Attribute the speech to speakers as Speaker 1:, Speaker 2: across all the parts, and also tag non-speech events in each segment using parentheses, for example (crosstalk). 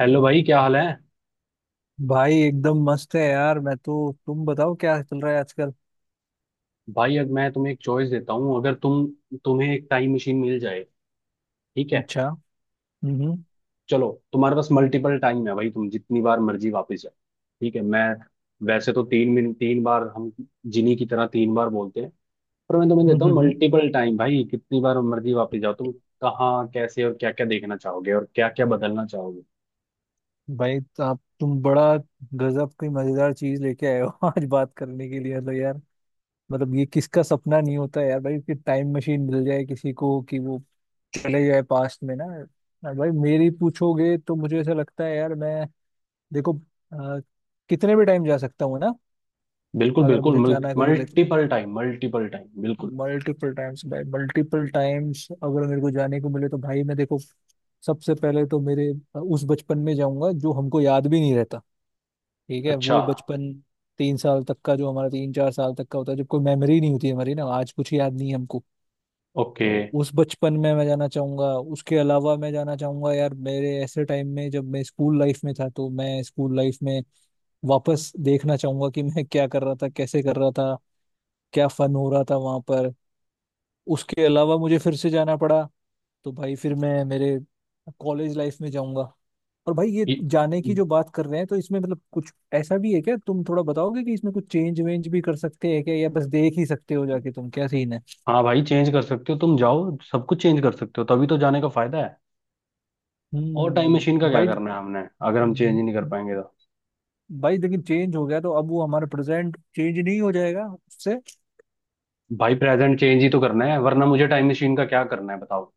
Speaker 1: Hello भाई, क्या हाल है?
Speaker 2: भाई एकदम मस्त है यार। मैं तो, तुम बताओ क्या चल रहा है आजकल।
Speaker 1: भाई, अब मैं तुम्हें एक चॉइस देता हूँ। अगर तुम्हें एक टाइम मशीन मिल जाए, ठीक है?
Speaker 2: अच्छा। हम्म
Speaker 1: चलो, तुम्हारे पास मल्टीपल टाइम है भाई, तुम जितनी बार मर्जी वापस जाओ। ठीक है, मैं वैसे तो 3 मिनट तीन बार, हम जिनी की तरह तीन बार बोलते हैं, पर मैं तुम्हें
Speaker 2: हम्म
Speaker 1: देता हूँ
Speaker 2: हम्म हम्म।
Speaker 1: Multiple time. भाई, कितनी बार मर्जी वापस जाओ तुम। कहाँ, कैसे और क्या क्या देखना चाहोगे, और क्या क्या बदलना चाहोगे?
Speaker 2: भाई तो आप, तुम बड़ा गजब की मजेदार चीज लेके आए हो (laughs) आज बात करने के लिए। मतलब यार, मतलब ये किसका सपना नहीं होता है यार भाई कि टाइम मशीन मिल जाए किसी को, कि वो चले जाए पास्ट में ना। और भाई, मेरी पूछोगे तो मुझे ऐसा लगता है यार, मैं देखो, अ, कितने भी टाइम जा सकता हूँ ना,
Speaker 1: बिल्कुल,
Speaker 2: अगर
Speaker 1: बिल्कुल।
Speaker 2: मुझे जाना को मिले तो।
Speaker 1: मल्टीपल टाइम, मल्टीपल टाइम, बिल्कुल।
Speaker 2: मल्टीपल टाइम्स भाई, मल्टीपल टाइम्स, अगर मेरे को जाने को मिले तो भाई मैं देखो, सबसे पहले तो मेरे उस बचपन में जाऊंगा जो हमको याद भी नहीं रहता। ठीक है,
Speaker 1: अच्छा।
Speaker 2: वो बचपन तीन साल तक का, जो हमारा तीन चार साल तक का होता है, जब कोई मेमोरी नहीं होती हमारी ना, आज कुछ याद नहीं है हमको।
Speaker 1: ओके।
Speaker 2: तो उस बचपन में मैं जाना चाहूंगा। उसके अलावा मैं जाना चाहूंगा यार, मेरे ऐसे टाइम में जब मैं स्कूल लाइफ में था, तो मैं स्कूल लाइफ में वापस देखना चाहूंगा कि मैं क्या कर रहा था, कैसे कर रहा था, क्या फन हो रहा था वहां पर। उसके अलावा मुझे फिर से जाना पड़ा तो भाई फिर मैं मेरे कॉलेज लाइफ में जाऊंगा। और भाई, ये जाने की जो बात कर रहे हैं, तो इसमें मतलब कुछ ऐसा भी है क्या, तुम थोड़ा बताओगे कि इसमें कुछ चेंज वेंज भी कर सकते हैं क्या, या बस देख ही सकते हो जाके तुम क्या सीन है।
Speaker 1: हाँ भाई, चेंज कर सकते हो, तुम जाओ, सब कुछ चेंज कर सकते हो, तभी तो जाने का फायदा है। और टाइम मशीन का क्या
Speaker 2: भाई।
Speaker 1: करना है हमने, अगर हम चेंज ही नहीं कर पाएंगे तो।
Speaker 2: भाई लेकिन चेंज हो गया तो अब वो हमारा प्रेजेंट चेंज नहीं हो जाएगा उससे?
Speaker 1: भाई, प्रेजेंट चेंज ही तो करना है, वरना मुझे टाइम मशीन का क्या करना है, बताओ।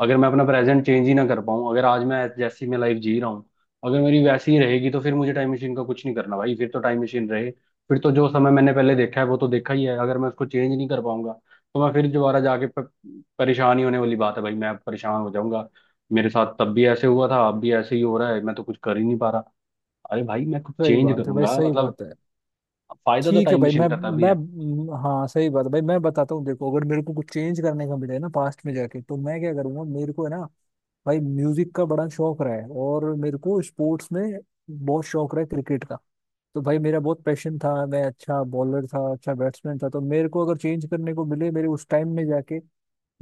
Speaker 1: अगर मैं अपना प्रेजेंट चेंज ही ना कर पाऊँ, अगर आज मैं जैसी मैं लाइफ जी रहा हूँ, अगर मेरी वैसी ही रहेगी, तो फिर मुझे टाइम मशीन का कुछ नहीं करना भाई। फिर तो टाइम मशीन रहे, फिर तो जो समय मैंने पहले देखा है वो तो देखा ही है। अगर मैं उसको चेंज नहीं कर पाऊंगा, तो मैं फिर दोबारा जाके परेशान ही होने वाली बात है भाई, मैं परेशान हो जाऊंगा। मेरे साथ तब भी ऐसे हुआ था, अब भी ऐसे ही हो रहा है, मैं तो कुछ कर ही नहीं पा रहा। अरे भाई, मैं कुछ
Speaker 2: सही
Speaker 1: चेंज
Speaker 2: बात है भाई,
Speaker 1: करूंगा
Speaker 2: सही
Speaker 1: मतलब,
Speaker 2: बात है।
Speaker 1: फायदा तो
Speaker 2: ठीक है
Speaker 1: टाइम
Speaker 2: भाई।
Speaker 1: मशीन का तभी है।
Speaker 2: हाँ, सही बात है भाई, मैं बताता हूँ। देखो, अगर मेरे को कुछ चेंज करने का मिले ना पास्ट में जाके, तो मैं क्या करूंगा मेरे को है ना, भाई म्यूजिक का बड़ा शौक रहा है, और मेरे को स्पोर्ट्स में बहुत शौक रहा है क्रिकेट का। तो भाई मेरा बहुत पैशन था, मैं अच्छा बॉलर था, अच्छा बैट्समैन था। तो मेरे को अगर चेंज करने को मिले मेरे उस टाइम में जाके,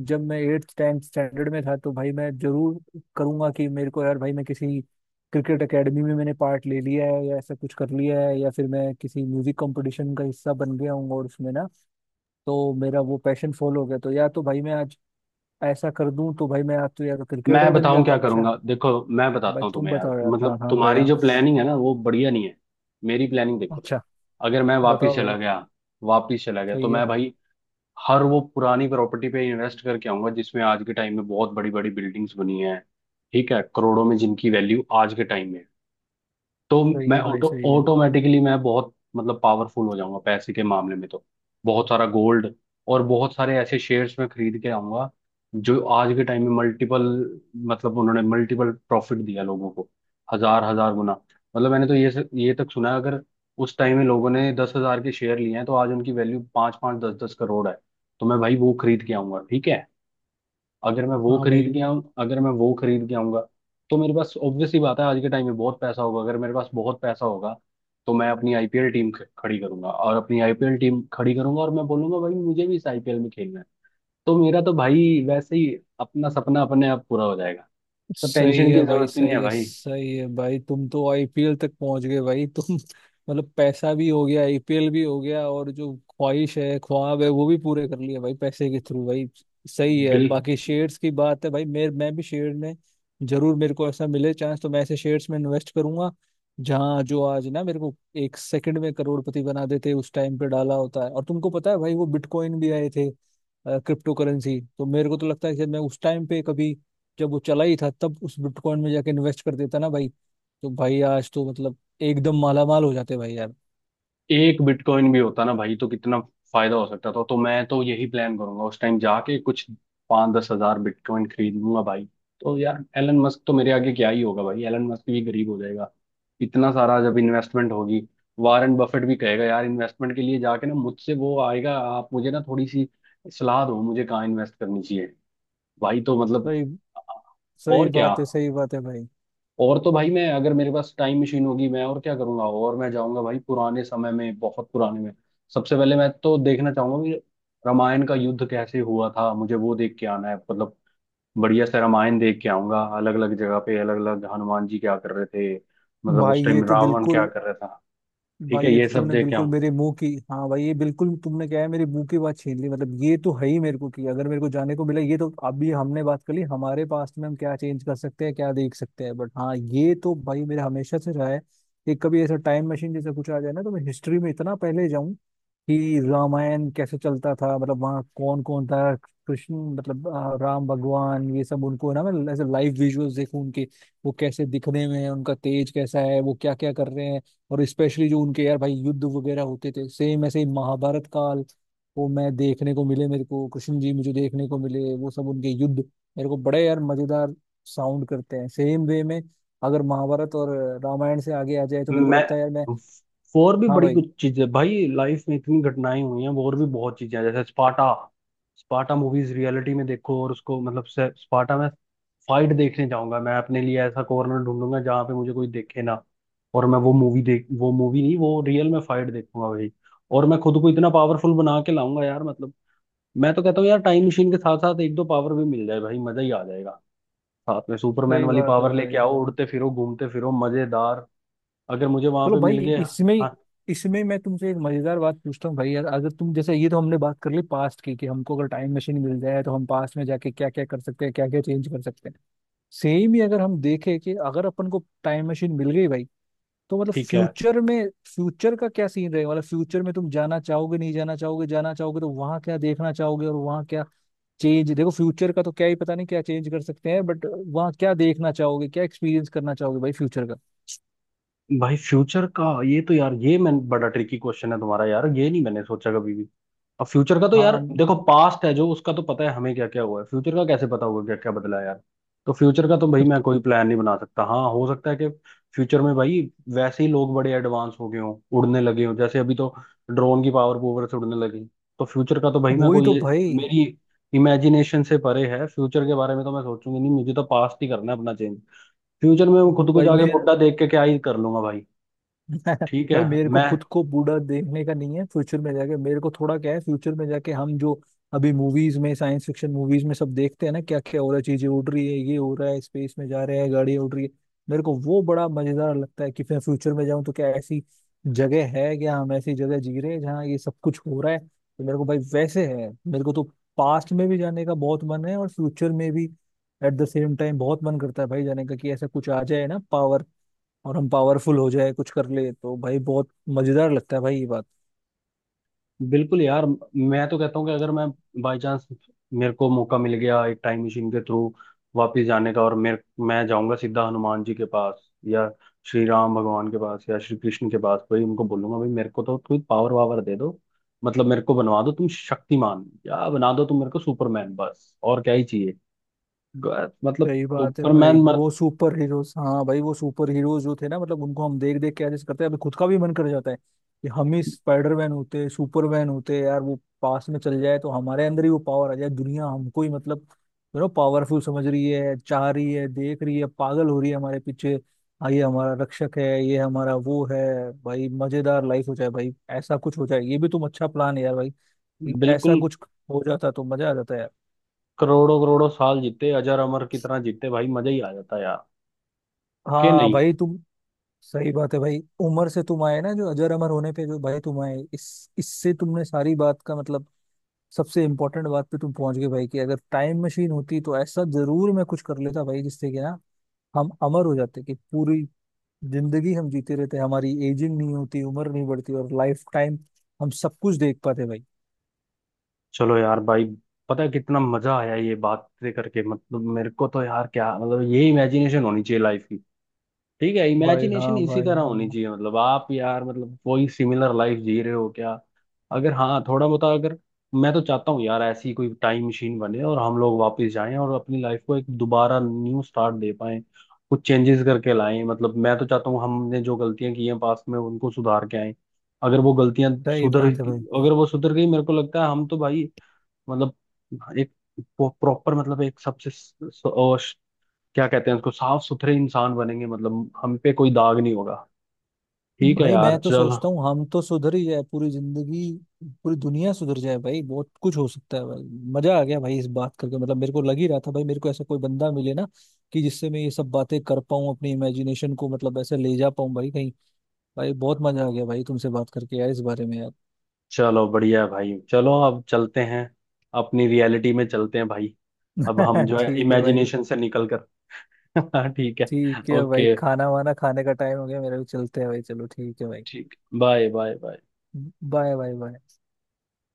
Speaker 2: जब मैं एट्थ टेंथ स्टैंडर्ड में था, तो भाई मैं जरूर करूंगा कि मेरे को, यार भाई मैं किसी क्रिकेट एकेडमी में मैंने पार्ट ले लिया है, या ऐसा कुछ कर लिया है, या फिर मैं किसी म्यूजिक कंपटीशन का हिस्सा बन गया हूँ, और उसमें ना, तो मेरा वो पैशन फॉलो हो गया, तो या तो भाई मैं आज ऐसा कर दूं तो भाई मैं आज तो यार क्रिकेटर
Speaker 1: मैं
Speaker 2: बन
Speaker 1: बताऊं
Speaker 2: जाता।
Speaker 1: क्या
Speaker 2: अच्छा
Speaker 1: करूंगा, देखो, मैं बताता
Speaker 2: भाई,
Speaker 1: हूँ
Speaker 2: तुम
Speaker 1: तुम्हें यार।
Speaker 2: बताओ यार। हाँ
Speaker 1: मतलब
Speaker 2: हाँ
Speaker 1: तुम्हारी
Speaker 2: भैया।
Speaker 1: जो प्लानिंग है ना, वो बढ़िया नहीं है। मेरी प्लानिंग देखो।
Speaker 2: अच्छा।
Speaker 1: अगर मैं
Speaker 2: बताओ
Speaker 1: वापिस चला
Speaker 2: भाई।
Speaker 1: गया, तो
Speaker 2: सही है,
Speaker 1: मैं भाई हर वो पुरानी प्रॉपर्टी पे इन्वेस्ट करके आऊंगा, जिसमें आज के टाइम में बहुत बड़ी बड़ी बिल्डिंग्स बनी हैं। ठीक है, करोड़ों में जिनकी वैल्यू आज के टाइम में है। तो
Speaker 2: सही
Speaker 1: मैं
Speaker 2: है भाई, सही है।
Speaker 1: ऑटोमेटिकली मैं बहुत मतलब पावरफुल हो जाऊंगा पैसे के मामले में। तो बहुत सारा गोल्ड और बहुत सारे ऐसे शेयर्स में खरीद के आऊंगा, जो आज के टाइम में मल्टीपल, मतलब उन्होंने मल्टीपल प्रॉफिट दिया लोगों को, हजार हजार गुना। मतलब मैंने तो ये तक सुना है, अगर उस टाइम में लोगों ने 10 हजार के शेयर लिए हैं, तो आज उनकी वैल्यू पाँच पाँच दस दस करोड़ है। तो मैं भाई वो खरीद के आऊंगा, ठीक है। अगर मैं वो
Speaker 2: हाँ
Speaker 1: खरीद
Speaker 2: भाई।
Speaker 1: के आऊँ अगर मैं वो खरीद के आऊंगा, तो मेरे पास ऑब्वियस सी बात है, आज के टाइम में बहुत पैसा होगा। अगर मेरे पास बहुत पैसा होगा, तो मैं अपनी आईपीएल टीम खड़ी करूंगा, और अपनी आईपीएल टीम खड़ी करूंगा, और मैं बोलूंगा भाई मुझे भी इस आईपीएल में खेलना है। तो मेरा तो भाई वैसे ही अपना सपना अपने आप पूरा हो जाएगा। तो
Speaker 2: सही
Speaker 1: टेंशन
Speaker 2: है
Speaker 1: की
Speaker 2: भाई,
Speaker 1: जरूरत ही नहीं
Speaker 2: सही
Speaker 1: है
Speaker 2: है,
Speaker 1: भाई।
Speaker 2: सही है भाई। तुम तो आईपीएल तक पहुंच गए भाई। (laughs) तुम, मतलब पैसा भी हो गया, आईपीएल भी हो गया, और जो ख्वाहिश है, ख्वाब है वो भी पूरे कर लिए भाई पैसे के थ्रू भाई। सही है।
Speaker 1: बिल
Speaker 2: बाकी शेयर्स की बात है भाई, मेरे मैं भी शेयर में जरूर, मेरे को ऐसा मिले चांस तो मैं ऐसे शेयर्स में इन्वेस्ट करूंगा जहाँ, जो आज ना मेरे को एक सेकंड में करोड़पति बना देते, उस टाइम पे डाला होता है। और तुमको पता है भाई वो बिटकॉइन भी आए थे, क्रिप्टो करेंसी। तो मेरे को तो लगता है शायद मैं उस टाइम पे कभी, जब वो चला ही था तब उस बिटकॉइन में जाके इन्वेस्ट कर देता ना भाई, तो भाई आज तो मतलब एकदम मालामाल हो जाते भाई यार।
Speaker 1: एक बिटकॉइन भी होता ना भाई, तो कितना फायदा हो सकता था। तो मैं तो यही प्लान करूंगा, उस टाइम जाके कुछ पाँच दस हजार बिटकॉइन खरीद लूंगा भाई। तो यार, एलन मस्क तो मेरे आगे क्या ही होगा भाई, एलन मस्क भी गरीब हो जाएगा, इतना सारा जब इन्वेस्टमेंट होगी। वारेन बफेट भी कहेगा यार इन्वेस्टमेंट के लिए जाके, ना मुझसे वो आएगा, आप मुझे ना थोड़ी सी सलाह दो, मुझे कहाँ इन्वेस्ट करनी चाहिए भाई। तो मतलब
Speaker 2: सही सही
Speaker 1: और क्या।
Speaker 2: बात है, सही बात है भाई।
Speaker 1: और तो भाई, मैं अगर मेरे पास टाइम मशीन होगी, मैं और क्या करूंगा, और मैं जाऊंगा भाई पुराने समय में, बहुत पुराने में। सबसे पहले मैं तो देखना चाहूंगा कि रामायण का युद्ध कैसे हुआ था, मुझे वो देख के आना है। मतलब बढ़िया से रामायण देख के आऊंगा, अलग अलग जगह पे अलग अलग हनुमान जी क्या कर रहे थे, मतलब
Speaker 2: भाई
Speaker 1: उस
Speaker 2: ये
Speaker 1: टाइम
Speaker 2: तो
Speaker 1: रावण क्या
Speaker 2: बिल्कुल,
Speaker 1: कर रहा था। ठीक
Speaker 2: भाई
Speaker 1: है,
Speaker 2: ये
Speaker 1: ये
Speaker 2: तो
Speaker 1: सब
Speaker 2: तुमने
Speaker 1: देख के
Speaker 2: बिल्कुल
Speaker 1: आऊंगा।
Speaker 2: मेरे मुंह की, हाँ भाई ये बिल्कुल तुमने क्या है, मेरे मुंह की बात छीन ली। मतलब ये तो है ही मेरे को कि अगर मेरे को जाने को मिला, ये तो अभी हमने बात कर ली हमारे पास में हम क्या चेंज कर सकते हैं, क्या देख सकते हैं, बट हाँ ये तो भाई मेरा हमेशा से रहा है कि कभी ऐसा टाइम मशीन जैसा कुछ आ जाए ना, तो मैं हिस्ट्री में इतना पहले जाऊं कि रामायण कैसे चलता था, मतलब वहाँ कौन कौन था। कृष्ण, मतलब राम भगवान, ये सब उनको ना मैं ऐसे लाइव विजुअल्स देखूं उनके, वो कैसे दिखने में हैं, उनका तेज कैसा है, वो क्या क्या कर रहे हैं। और स्पेशली जो उनके यार भाई युद्ध वगैरह होते थे, सेम ऐसे ही महाभारत काल, वो मैं देखने को मिले, मेरे को कृष्ण जी मुझे देखने को मिले, वो सब उनके युद्ध मेरे को बड़े यार मजेदार साउंड करते हैं। सेम वे में अगर महाभारत और रामायण से आगे आ जाए तो मेरे को
Speaker 1: मैं
Speaker 2: लगता है यार मैं।
Speaker 1: और भी
Speaker 2: हाँ
Speaker 1: बड़ी
Speaker 2: भाई।
Speaker 1: कुछ चीजें, भाई लाइफ में इतनी घटनाएं हुई हैं, और भी बहुत चीजें हैं, जैसे स्पाटा। स्पाटा मूवीज रियलिटी में देखो, और उसको मतलब स्पाटा में फाइट देखने जाऊंगा। मैं अपने लिए ऐसा कॉर्नर ढूंढूंगा जहां पे मुझे कोई देखे ना, और मैं वो मूवी देख, वो मूवी नहीं, वो रियल में फाइट देखूंगा भाई। और मैं खुद को इतना पावरफुल बना के लाऊंगा यार, मतलब मैं तो कहता हूँ यार टाइम मशीन के साथ साथ एक दो पावर भी मिल जाए भाई, मजा ही आ जाएगा। साथ में सुपरमैन
Speaker 2: सही
Speaker 1: वाली
Speaker 2: बात है
Speaker 1: पावर
Speaker 2: भाई।
Speaker 1: लेके आओ,
Speaker 2: भाई
Speaker 1: उड़ते फिरो, घूमते फिरो, मजेदार, अगर मुझे वहां
Speaker 2: चलो
Speaker 1: पे मिल
Speaker 2: भाई,
Speaker 1: गया।
Speaker 2: इसमें,
Speaker 1: हाँ।
Speaker 2: इसमें मैं तुमसे एक मजेदार बात पूछता हूँ भाई यार, अगर तुम, जैसे ये तो हमने बात कर ली पास्ट की कि हमको अगर टाइम मशीन मिल जाए तो हम पास्ट में जाके क्या क्या कर सकते हैं, क्या क्या चेंज कर सकते हैं, सेम ही अगर हम देखें कि अगर अपन को टाइम मशीन मिल गई भाई, तो मतलब
Speaker 1: ठीक है
Speaker 2: फ्यूचर में, फ्यूचर का क्या सीन रहेगा, मतलब फ्यूचर में तुम जाना चाहोगे, नहीं जाना चाहोगे, जाना चाहोगे तो वहां क्या देखना चाहोगे, और वहां क्या चेंज, देखो फ्यूचर का तो क्या ही पता नहीं क्या चेंज कर सकते हैं, बट वहां क्या देखना चाहोगे, क्या एक्सपीरियंस करना चाहोगे भाई फ्यूचर का।
Speaker 1: भाई, फ्यूचर का, ये तो यार, ये मैं, बड़ा ट्रिकी क्वेश्चन है तुम्हारा यार, ये नहीं मैंने सोचा कभी भी। अब फ्यूचर का तो यार
Speaker 2: हाँ।
Speaker 1: देखो, पास्ट है जो, उसका तो पता है हमें क्या क्या हुआ है, फ्यूचर का कैसे पता होगा क्या क्या बदला है यार। तो फ्यूचर का तो
Speaker 2: तो,
Speaker 1: भाई मैं
Speaker 2: तो
Speaker 1: कोई प्लान नहीं बना सकता। हाँ, हो सकता है कि फ्यूचर में भाई वैसे ही लोग बड़े एडवांस हो गए हों, उड़ने लगे हों, जैसे अभी तो ड्रोन की पावर पूवर से उड़ने लगी। तो फ्यूचर का तो भाई मैं
Speaker 2: वही
Speaker 1: कोई
Speaker 2: तो
Speaker 1: ये
Speaker 2: भाई।
Speaker 1: मेरी इमेजिनेशन से परे है, फ्यूचर के बारे में तो मैं सोचूंगी नहीं, मुझे तो पास्ट ही करना है अपना चेंज। फ्यूचर में मैं खुद को
Speaker 2: भाई
Speaker 1: जाके
Speaker 2: मेरे,
Speaker 1: बुढ़ा देख के क्या ही कर लूंगा भाई।
Speaker 2: (laughs)
Speaker 1: ठीक है।
Speaker 2: भाई मेरे को
Speaker 1: मैं,
Speaker 2: खुद को बूढ़ा देखने का नहीं है फ्यूचर में जाके, मेरे को थोड़ा क्या है, फ्यूचर में जाके हम जो अभी मूवीज में, साइंस फिक्शन मूवीज में सब देखते हैं ना, क्या क्या हो रहा है, चीजें उड़ रही है, ये हो रहा है, स्पेस में जा रहे हैं, गाड़ियां उड़ रही है, मेरे को वो बड़ा मजेदार लगता है कि फिर फ्यूचर में जाऊं तो क्या ऐसी जगह है, क्या हम ऐसी जगह जी रहे हैं जहाँ ये सब कुछ हो रहा है। तो मेरे को भाई, वैसे है मेरे को तो पास्ट में भी जाने का बहुत मन है और फ्यूचर में भी, एट द सेम टाइम बहुत मन करता है भाई जाने का कि ऐसा कुछ आ जाए ना पावर, और हम पावरफुल हो जाए कुछ कर ले, तो भाई बहुत मजेदार लगता है भाई ये बात।
Speaker 1: बिल्कुल यार, मैं तो कहता हूँ कि अगर मैं बाई चांस, मेरे को मौका मिल गया एक टाइम मशीन के थ्रू वापस जाने का, और मेरे मैं जाऊंगा सीधा हनुमान जी के पास, या श्री राम भगवान के पास, या श्री कृष्ण के पास, भाई उनको बोलूंगा भाई मेरे को तो कोई पावर वावर दे दो। मतलब मेरे को बनवा दो तुम शक्तिमान, या बना दो तुम मेरे को सुपरमैन, बस और क्या ही चाहिए। मतलब
Speaker 2: सही बात है भाई,
Speaker 1: सुपरमैन, मर,
Speaker 2: वो सुपर हीरोज, हाँ भाई वो सुपर हीरोज जो थे ना, मतलब उनको हम देख देख के ऐसे करते हैं अभी, खुद का भी मन कर जाता है कि हम ही स्पाइडरमैन होते, सुपरमैन होते यार, वो पास में चल जाए तो हमारे अंदर ही वो पावर आ जाए, दुनिया हमको ही मतलब, यू नो पावरफुल समझ रही है, चाह रही है, देख रही है, पागल हो रही है हमारे पीछे, हाँ ये हमारा रक्षक है, ये हमारा वो है, भाई मजेदार लाइफ हो जाए भाई ऐसा कुछ हो जाए, ये भी तुम अच्छा प्लान है यार भाई कि ऐसा
Speaker 1: बिल्कुल,
Speaker 2: कुछ हो जाता तो मजा आ जाता यार।
Speaker 1: करोड़ों करोड़ों साल जीते, अजर अमर की तरह जीते भाई, मजा ही आ जाता यार, के
Speaker 2: हाँ
Speaker 1: नहीं।
Speaker 2: भाई। तुम सही बात है भाई, उम्र से तुम आए ना, जो अजर अमर होने पे जो भाई तुम आए, इस इससे तुमने सारी बात का मतलब सबसे इम्पोर्टेंट बात पे तुम पहुंच गए भाई, कि अगर टाइम मशीन होती तो ऐसा जरूर मैं कुछ कर लेता भाई जिससे कि ना हम अमर हो जाते कि पूरी जिंदगी हम जीते रहते, हमारी एजिंग नहीं होती, उम्र नहीं बढ़ती, और लाइफ टाइम हम सब कुछ देख पाते भाई।
Speaker 1: चलो यार भाई, पता है कितना मजा आया ये बात करके, मतलब मेरे को तो यार, क्या मतलब, ये इमेजिनेशन होनी चाहिए लाइफ की। ठीक है,
Speaker 2: भाई हाँ
Speaker 1: इमेजिनेशन इसी
Speaker 2: भाई,
Speaker 1: तरह होनी
Speaker 2: हाँ,
Speaker 1: चाहिए। मतलब आप यार, मतलब कोई सिमिलर लाइफ जी रहे हो क्या? अगर हाँ, थोड़ा बहुत। अगर मैं तो चाहता हूँ यार ऐसी कोई टाइम मशीन बने, और हम लोग वापस जाएं और अपनी लाइफ को एक दोबारा न्यू स्टार्ट दे पाएं, कुछ चेंजेस करके लाएं। मतलब मैं तो चाहता हूँ हमने जो गलतियां की हैं पास्ट में, उनको सुधार के आएं। अगर वो गलतियां
Speaker 2: सही
Speaker 1: सुधर
Speaker 2: बात है भाई।
Speaker 1: अगर वो सुधर गई, मेरे को लगता है हम तो भाई मतलब एक प्रॉपर, मतलब एक सबसे, क्या कहते हैं उसको, साफ सुथरे इंसान बनेंगे, मतलब हम पे कोई दाग नहीं होगा। ठीक है
Speaker 2: भाई
Speaker 1: यार,
Speaker 2: मैं तो
Speaker 1: चलो।
Speaker 2: सोचता हूँ हम तो सुधर ही जाए, पूरी जिंदगी पूरी दुनिया सुधर जाए भाई, बहुत कुछ हो सकता है भाई। मजा आ गया भाई इस बात करके, मतलब मेरे को लग ही रहा था भाई, मेरे को ऐसा कोई बंदा मिले ना कि जिससे मैं ये सब बातें कर पाऊँ, अपनी इमेजिनेशन को मतलब ऐसे ले जा पाऊँ भाई कहीं, भाई बहुत मजा आ गया भाई तुमसे बात करके यार इस बारे में यार।
Speaker 1: चलो बढ़िया है भाई, चलो अब चलते हैं, अपनी रियलिटी में चलते हैं भाई, अब हम
Speaker 2: (laughs)
Speaker 1: जो है
Speaker 2: ठीक है भाई।
Speaker 1: इमेजिनेशन से निकल कर। (laughs) ठीक है।
Speaker 2: ठीक है भाई,
Speaker 1: ओके,
Speaker 2: खाना वाना खाने का टाइम हो गया मेरा भी, चलते हैं भाई। चलो ठीक है भाई,
Speaker 1: ठीक, bye bye bye.
Speaker 2: Bye bye bye.